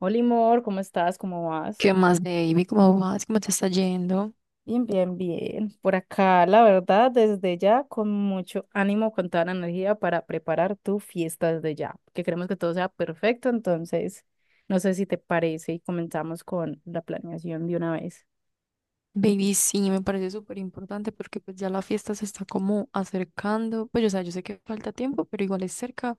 Hola, amor, ¿cómo estás? ¿Cómo vas? ¿Qué más, baby? ¿Cómo vas? ¿Cómo te está yendo? Bien. Por acá, la verdad, desde ya, con mucho ánimo, con toda la energía para preparar tu fiesta desde ya, que queremos que todo sea perfecto, entonces, no sé si te parece y comenzamos con la planeación de una vez. Baby, sí, me parece súper importante porque pues ya la fiesta se está como acercando. Pues, o sea, yo sé que falta tiempo, pero igual es cerca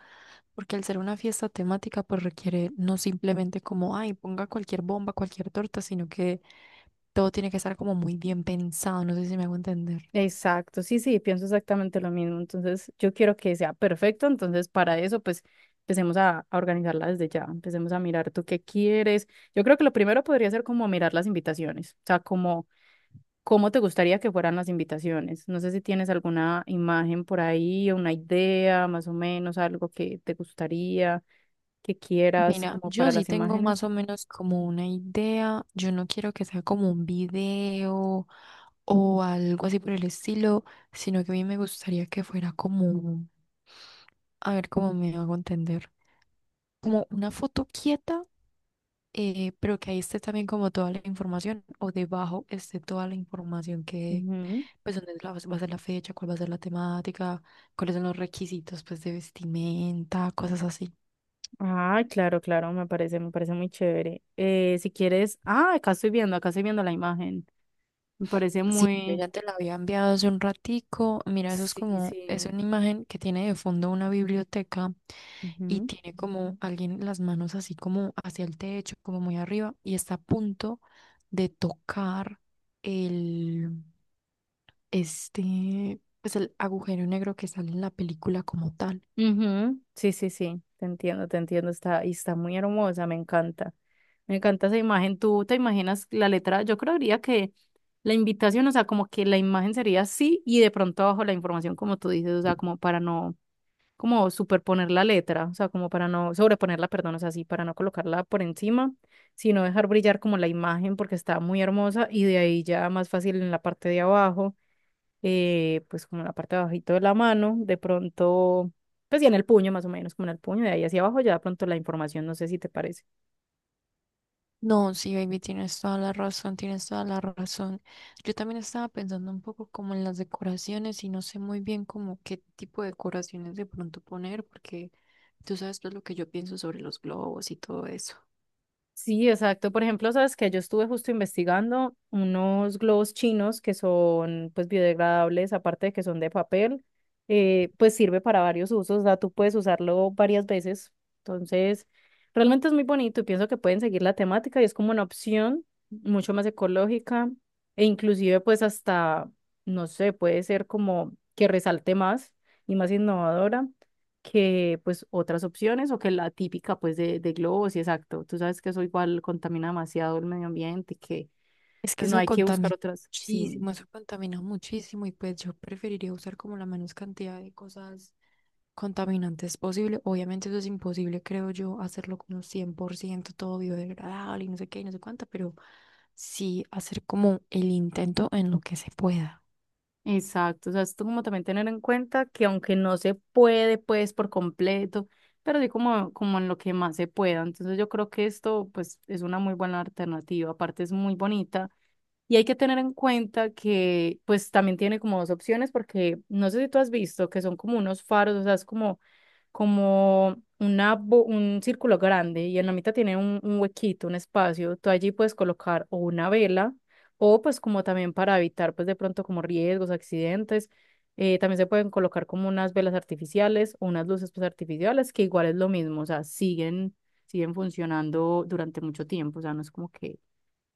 porque al ser una fiesta temática pues requiere no simplemente como, ay, ponga cualquier bomba, cualquier torta, sino que todo tiene que estar como muy bien pensado. No sé si me hago entender. Exacto, sí, pienso exactamente lo mismo, entonces yo quiero que sea perfecto, entonces para eso, pues, empecemos a organizarla desde ya, empecemos a mirar tú qué quieres. Yo creo que lo primero podría ser como mirar las invitaciones, o sea, como... ¿Cómo te gustaría que fueran las invitaciones? No sé si tienes alguna imagen por ahí, una idea, más o menos, algo que te gustaría, que quieras Mira, como yo para sí las tengo más imágenes. o menos como una idea. Yo no quiero que sea como un video o algo así por el estilo, sino que a mí me gustaría que fuera como, a ver cómo me hago entender, como una foto quieta, pero que ahí esté también como toda la información o debajo esté toda la información que, Ujú. pues, dónde va a ser la fecha, cuál va a ser la temática, cuáles son los requisitos, pues, de vestimenta, cosas así. Ah, claro, claro, me parece muy chévere. Si quieres, ah, acá estoy viendo la imagen. Me parece Sí, yo muy, ya te la había enviado hace un ratico. Mira, eso es sí, como, es sí. una imagen que tiene de fondo una biblioteca y Ujú. tiene como alguien las manos así como hacia el techo, como muy arriba, y está a punto de tocar el, este, pues el agujero negro que sale en la película como tal. Ujú, sí, sí, sí, te entiendo, está, y está muy hermosa, me encanta esa imagen, tú te imaginas la letra, yo creería que la invitación, o sea, como que la imagen sería así y de pronto abajo la información, como tú dices, o sea, como para no, como superponer la letra, o sea, como para no sobreponerla, perdón, o sea, así, para no colocarla por encima, sino dejar brillar como la imagen porque está muy hermosa y de ahí ya más fácil en la parte de abajo, pues como en la parte de abajito de la mano, de pronto, pues ya en el puño más o menos, como en el puño, de ahí hacia abajo, ya de pronto la información, no sé si te parece. No, sí, baby, tienes toda la razón, tienes toda la razón. Yo también estaba pensando un poco como en las decoraciones y no sé muy bien como qué tipo de decoraciones de pronto poner, porque tú sabes todo lo que yo pienso sobre los globos y todo eso. Sí, exacto. Por ejemplo, sabes que yo estuve justo investigando unos globos chinos que son pues biodegradables, aparte de que son de papel, pues sirve para varios usos, o sea, tú puedes usarlo varias veces. Entonces, realmente es muy bonito y pienso que pueden seguir la temática y es como una opción mucho más ecológica e inclusive pues hasta, no sé, puede ser como que resalte más y más innovadora que pues otras opciones o que la típica pues de globos y exacto. Tú sabes que eso igual contamina demasiado el medio ambiente que Es que pues no hay que buscar otras. Sí, eso contamina muchísimo y pues yo preferiría usar como la menos cantidad de cosas contaminantes posible. Obviamente eso es imposible, creo yo, hacerlo como 100% todo biodegradable y no sé qué y no sé cuánta, pero sí hacer como el intento en lo que se pueda. exacto. O sea, esto como también tener en cuenta que aunque no se puede pues por completo, pero sí como, como en lo que más se pueda. Entonces yo creo que esto pues es una muy buena alternativa. Aparte es muy bonita. Y hay que tener en cuenta que pues también tiene como dos opciones porque no sé si tú has visto que son como unos faros, o sea, es como como una, un círculo grande y en la mitad tiene un huequito, un espacio. Tú allí puedes colocar o una vela o pues como también para evitar pues de pronto como riesgos, accidentes. También se pueden colocar como unas velas artificiales o unas luces pues artificiales que igual es lo mismo, o sea, siguen, siguen funcionando durante mucho tiempo, o sea, no es como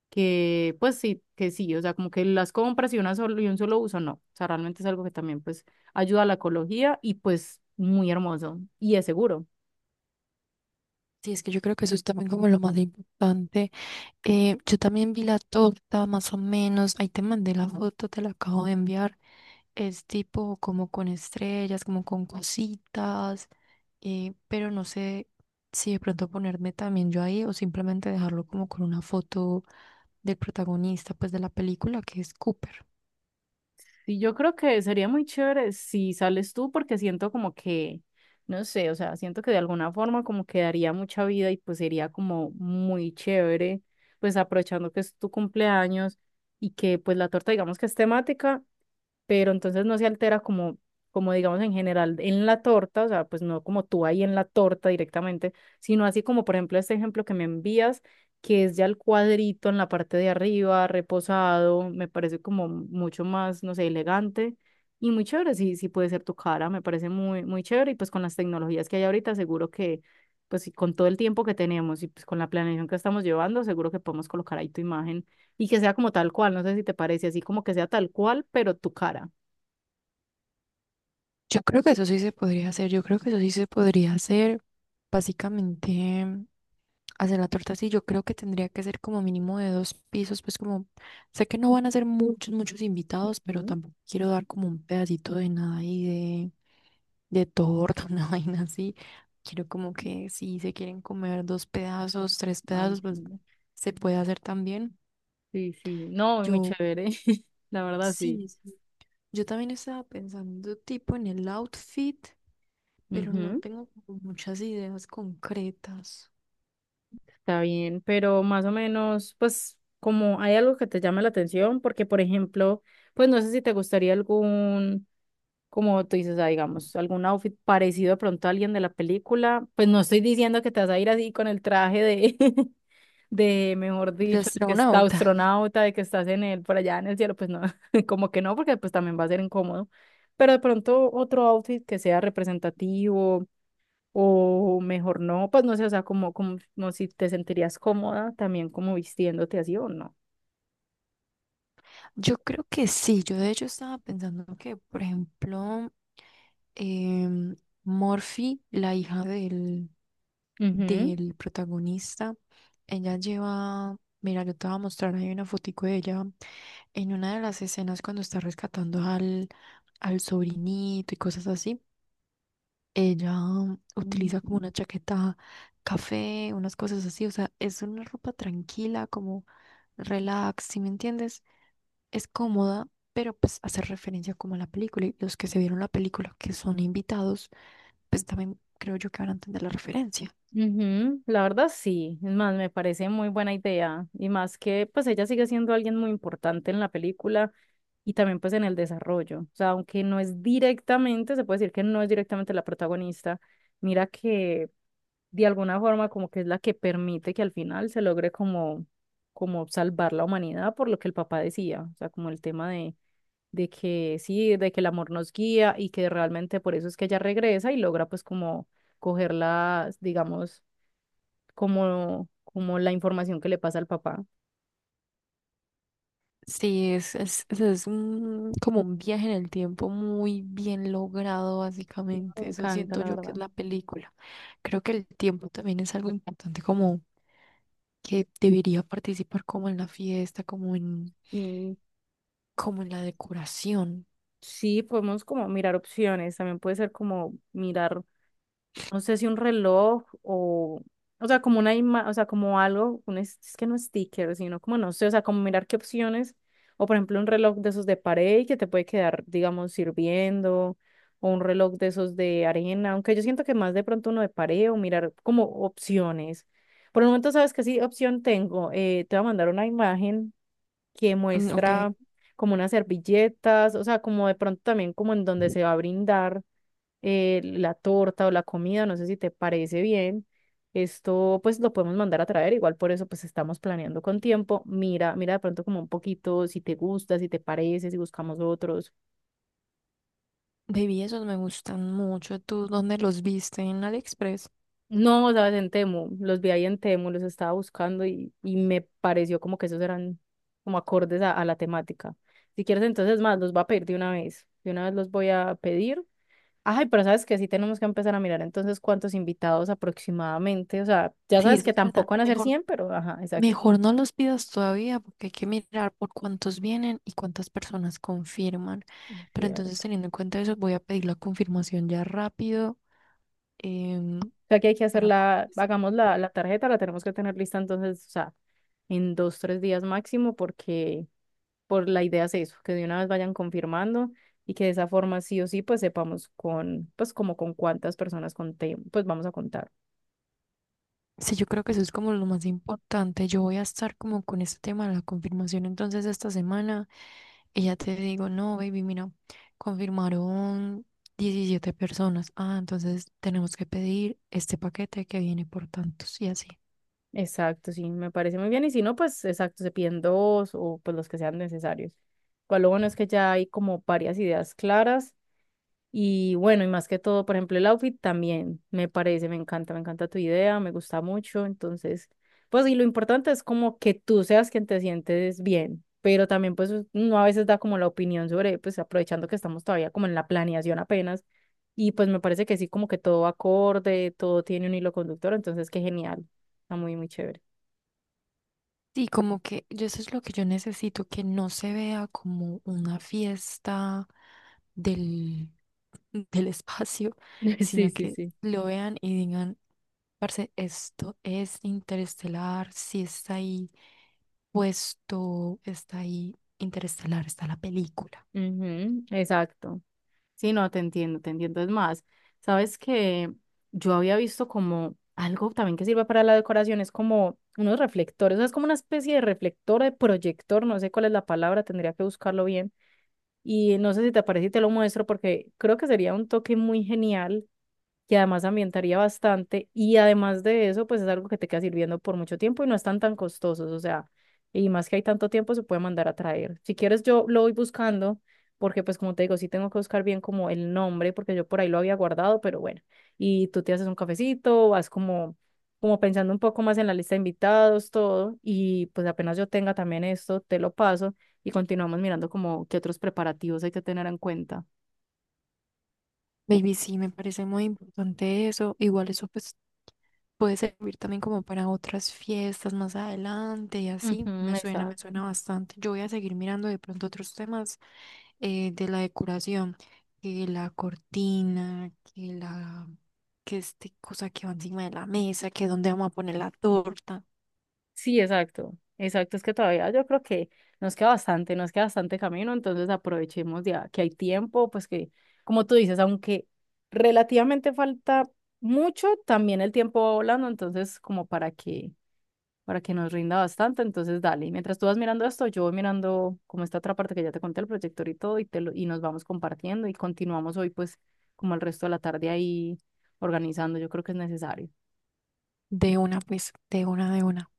que pues sí, que sí, o sea, como que las compras y, una solo, y un solo uso, no. O sea, realmente es algo que también pues ayuda a la ecología y pues muy hermoso y es seguro. Sí, es que yo creo que eso es también como lo más importante. Yo también vi la torta, más o menos. Ahí te mandé la foto, te la acabo de enviar. Es tipo como con estrellas, como con cositas, pero no sé si de pronto ponerme también yo ahí o simplemente dejarlo como con una foto del protagonista, pues de la película, que es Cooper. Y yo creo que sería muy chévere si sales tú porque siento como que, no sé, o sea, siento que de alguna forma como que daría mucha vida y pues sería como muy chévere, pues aprovechando que es tu cumpleaños y que pues la torta digamos que es temática pero entonces no se altera como, como digamos en general en la torta, o sea, pues no como tú ahí en la torta directamente, sino así como por ejemplo este ejemplo que me envías, que es ya el cuadrito en la parte de arriba, reposado, me parece como mucho más, no sé, elegante. Y muy chévere, sí, sí puede ser tu cara, me parece muy, muy chévere. Y pues con las tecnologías que hay ahorita, seguro que, pues y con todo el tiempo que tenemos y pues con la planeación que estamos llevando, seguro que podemos colocar ahí tu imagen y que sea como tal cual, no sé si te parece, así como que sea tal cual, pero tu cara. Yo creo que eso sí se podría hacer, yo creo que eso sí se podría hacer, básicamente hacer la torta así, yo creo que tendría que ser como mínimo de dos pisos, pues como sé que no van a ser muchos, muchos invitados, pero Ujú. tampoco quiero dar como un pedacito de nada y de torta, una vaina así, quiero como que si se quieren comer dos pedazos, tres Ay, pedazos, sí. pues No. se puede hacer también. Sí, sí. No, muy Yo chévere. La verdad, sí. sí, sí, yo también estaba pensando tipo en el outfit, pero no Ujú. tengo como muchas ideas concretas. Está bien, pero más o menos, pues, como hay algo que te llame la atención, porque, por ejemplo, pues no sé si te gustaría algún, como tú dices, ah, digamos, algún outfit parecido de pronto a alguien de la película. Pues no estoy diciendo que te vas a ir así con el traje de, de, mejor El de dicho, que está astronauta. astronauta, de que estás en el, por allá en el cielo, pues no, como que no, porque pues también va a ser incómodo. Pero de pronto otro outfit que sea representativo o mejor no, pues no sé, o sea, como si te sentirías cómoda también como vistiéndote así o no. Yo creo que sí. Yo de hecho estaba pensando que, por ejemplo, em, Morphy, la hija del, Ujú. del protagonista, ella lleva, mira, yo te voy a mostrar ahí una fotico de ella en una de las escenas cuando está rescatando al sobrinito y cosas así. Ella utiliza como Ujú. una chaqueta café, unas cosas así, o sea, es una ropa tranquila, como relax, ¿si me entiendes? Es cómoda, pero pues hace referencia como a la película y los que se vieron la película que son invitados, pues también creo yo que van a entender la referencia. Ujú, la verdad sí, es más, me parece muy buena idea y más que pues ella sigue siendo alguien muy importante en la película y también pues en el desarrollo, o sea, aunque no es directamente, se puede decir que no es directamente la protagonista, mira que de alguna forma como que es la que permite que al final se logre como, como salvar la humanidad por lo que el papá decía, o sea, como el tema de que sí, de que el amor nos guía y que realmente por eso es que ella regresa y logra pues como cogerla, digamos como, como la información que le pasa al papá. Sí, es como un viaje en el tiempo muy bien logrado, Me básicamente. Eso encanta, siento la yo que es verdad. la película. Creo que el tiempo también es algo importante, como que debería participar como en la fiesta, Y como en la decoración. sí, podemos como mirar opciones. También puede ser como mirar no sé si un reloj o sea, como una o sea, como algo, un es que no sticker, sino como no sé, o sea, como mirar qué opciones, o por ejemplo un reloj de esos de pared que te puede quedar, digamos, sirviendo, o un reloj de esos de arena, aunque yo siento que más de pronto uno de pared o mirar como opciones. Por el momento sabes que sí, opción tengo, te voy a mandar una imagen que Mm, ok, muestra como unas servilletas, o sea, como de pronto también como en donde se va a brindar, la torta o la comida, no sé si te parece bien. Esto pues lo podemos mandar a traer, igual por eso pues estamos planeando con tiempo. Mira de pronto como un poquito si te gusta, si te parece, si buscamos otros. baby, esos me gustan mucho. ¿Tú dónde los viste? ¿En AliExpress? No, sabes, en Temu, los vi ahí en Temu, los estaba buscando y me pareció como que esos eran como acordes a la temática. Si quieres entonces más, los voy a pedir de una vez. De una vez los voy a pedir. Ay, pero sabes que sí tenemos que empezar a mirar entonces cuántos invitados aproximadamente. O sea, ya Sí, sabes eso que es verdad. tampoco van a ser mejor 100, pero ajá, exacto, Mejor no los pidas todavía porque hay que mirar por cuántos vienen y cuántas personas confirman. Pero entonces, cierto. teniendo en cuenta eso, voy a pedir la confirmación ya rápido em, O sea, que hay que hacer para poder la, decir, hagamos la, bueno, la tarjeta, la tenemos que tener lista entonces, o sea, en dos, tres días máximo, porque por la idea es eso, que de una vez vayan confirmando y que de esa forma sí o sí, pues sepamos con, pues como con cuántas personas contem, pues vamos a contar. sí, yo creo que eso es como lo más importante. Yo voy a estar como con este tema de la confirmación entonces esta semana y ya te digo, no, baby, mira, confirmaron 17 personas. Ah, entonces tenemos que pedir este paquete que viene por tantos y así. Exacto, sí, me parece muy bien. Y si no, pues exacto, se piden dos o pues los que sean necesarios. Igual lo bueno es que ya hay como varias ideas claras. Y bueno, y más que todo, por ejemplo, el outfit también me parece, me encanta tu idea, me gusta mucho. Entonces, pues y lo importante es como que tú seas quien te sientes bien, pero también pues uno a veces da como la opinión sobre, pues aprovechando que estamos todavía como en la planeación apenas. Y pues me parece que sí, como que todo va acorde, todo tiene un hilo conductor, entonces qué genial, está muy, muy chévere. Sí, como que yo eso es lo que yo necesito, que no se vea como una fiesta del, del espacio, Sí, sino sí, que sí. lo vean y digan, Parce, esto es interestelar, si está ahí puesto, está ahí interestelar, está la película. Ujú, exacto. Sí, no, te entiendo. Es más, sabes que yo había visto como algo también que sirve para la decoración, es como unos reflectores, o sea, es como una especie de reflector, de proyector, no sé cuál es la palabra, tendría que buscarlo bien. Y no sé si te parece y te lo muestro porque creo que sería un toque muy genial que además ambientaría bastante y además de eso, pues es algo que te queda sirviendo por mucho tiempo y no están tan costosos, o sea, y más que hay tanto tiempo se puede mandar a traer. Si quieres, yo lo voy buscando porque pues como te digo, sí tengo que buscar bien como el nombre porque yo por ahí lo había guardado, pero bueno, y tú te haces un cafecito, vas como como pensando un poco más en la lista de invitados, todo, y pues apenas yo tenga también esto, te lo paso y continuamos mirando como qué otros preparativos hay que tener en cuenta. Baby, sí, me parece muy importante eso. Igual eso pues puede servir también como para otras fiestas más adelante y así. Ujú, Me exacto. suena bastante. Yo voy a seguir mirando de pronto otros temas de la decoración, que la cortina, que este cosa que va encima de la mesa, que dónde vamos a poner la torta. Sí, exacto, es que todavía yo creo que nos queda bastante camino, entonces aprovechemos ya que hay tiempo, pues que, como tú dices, aunque relativamente falta mucho, también el tiempo va volando, entonces como para que nos rinda bastante, entonces dale. Y mientras tú vas mirando esto, yo voy mirando como esta otra parte que ya te conté, el proyector y todo, y, te lo, y nos vamos compartiendo y continuamos hoy pues como el resto de la tarde ahí organizando, yo creo que es necesario. De una, pues, de una, de una.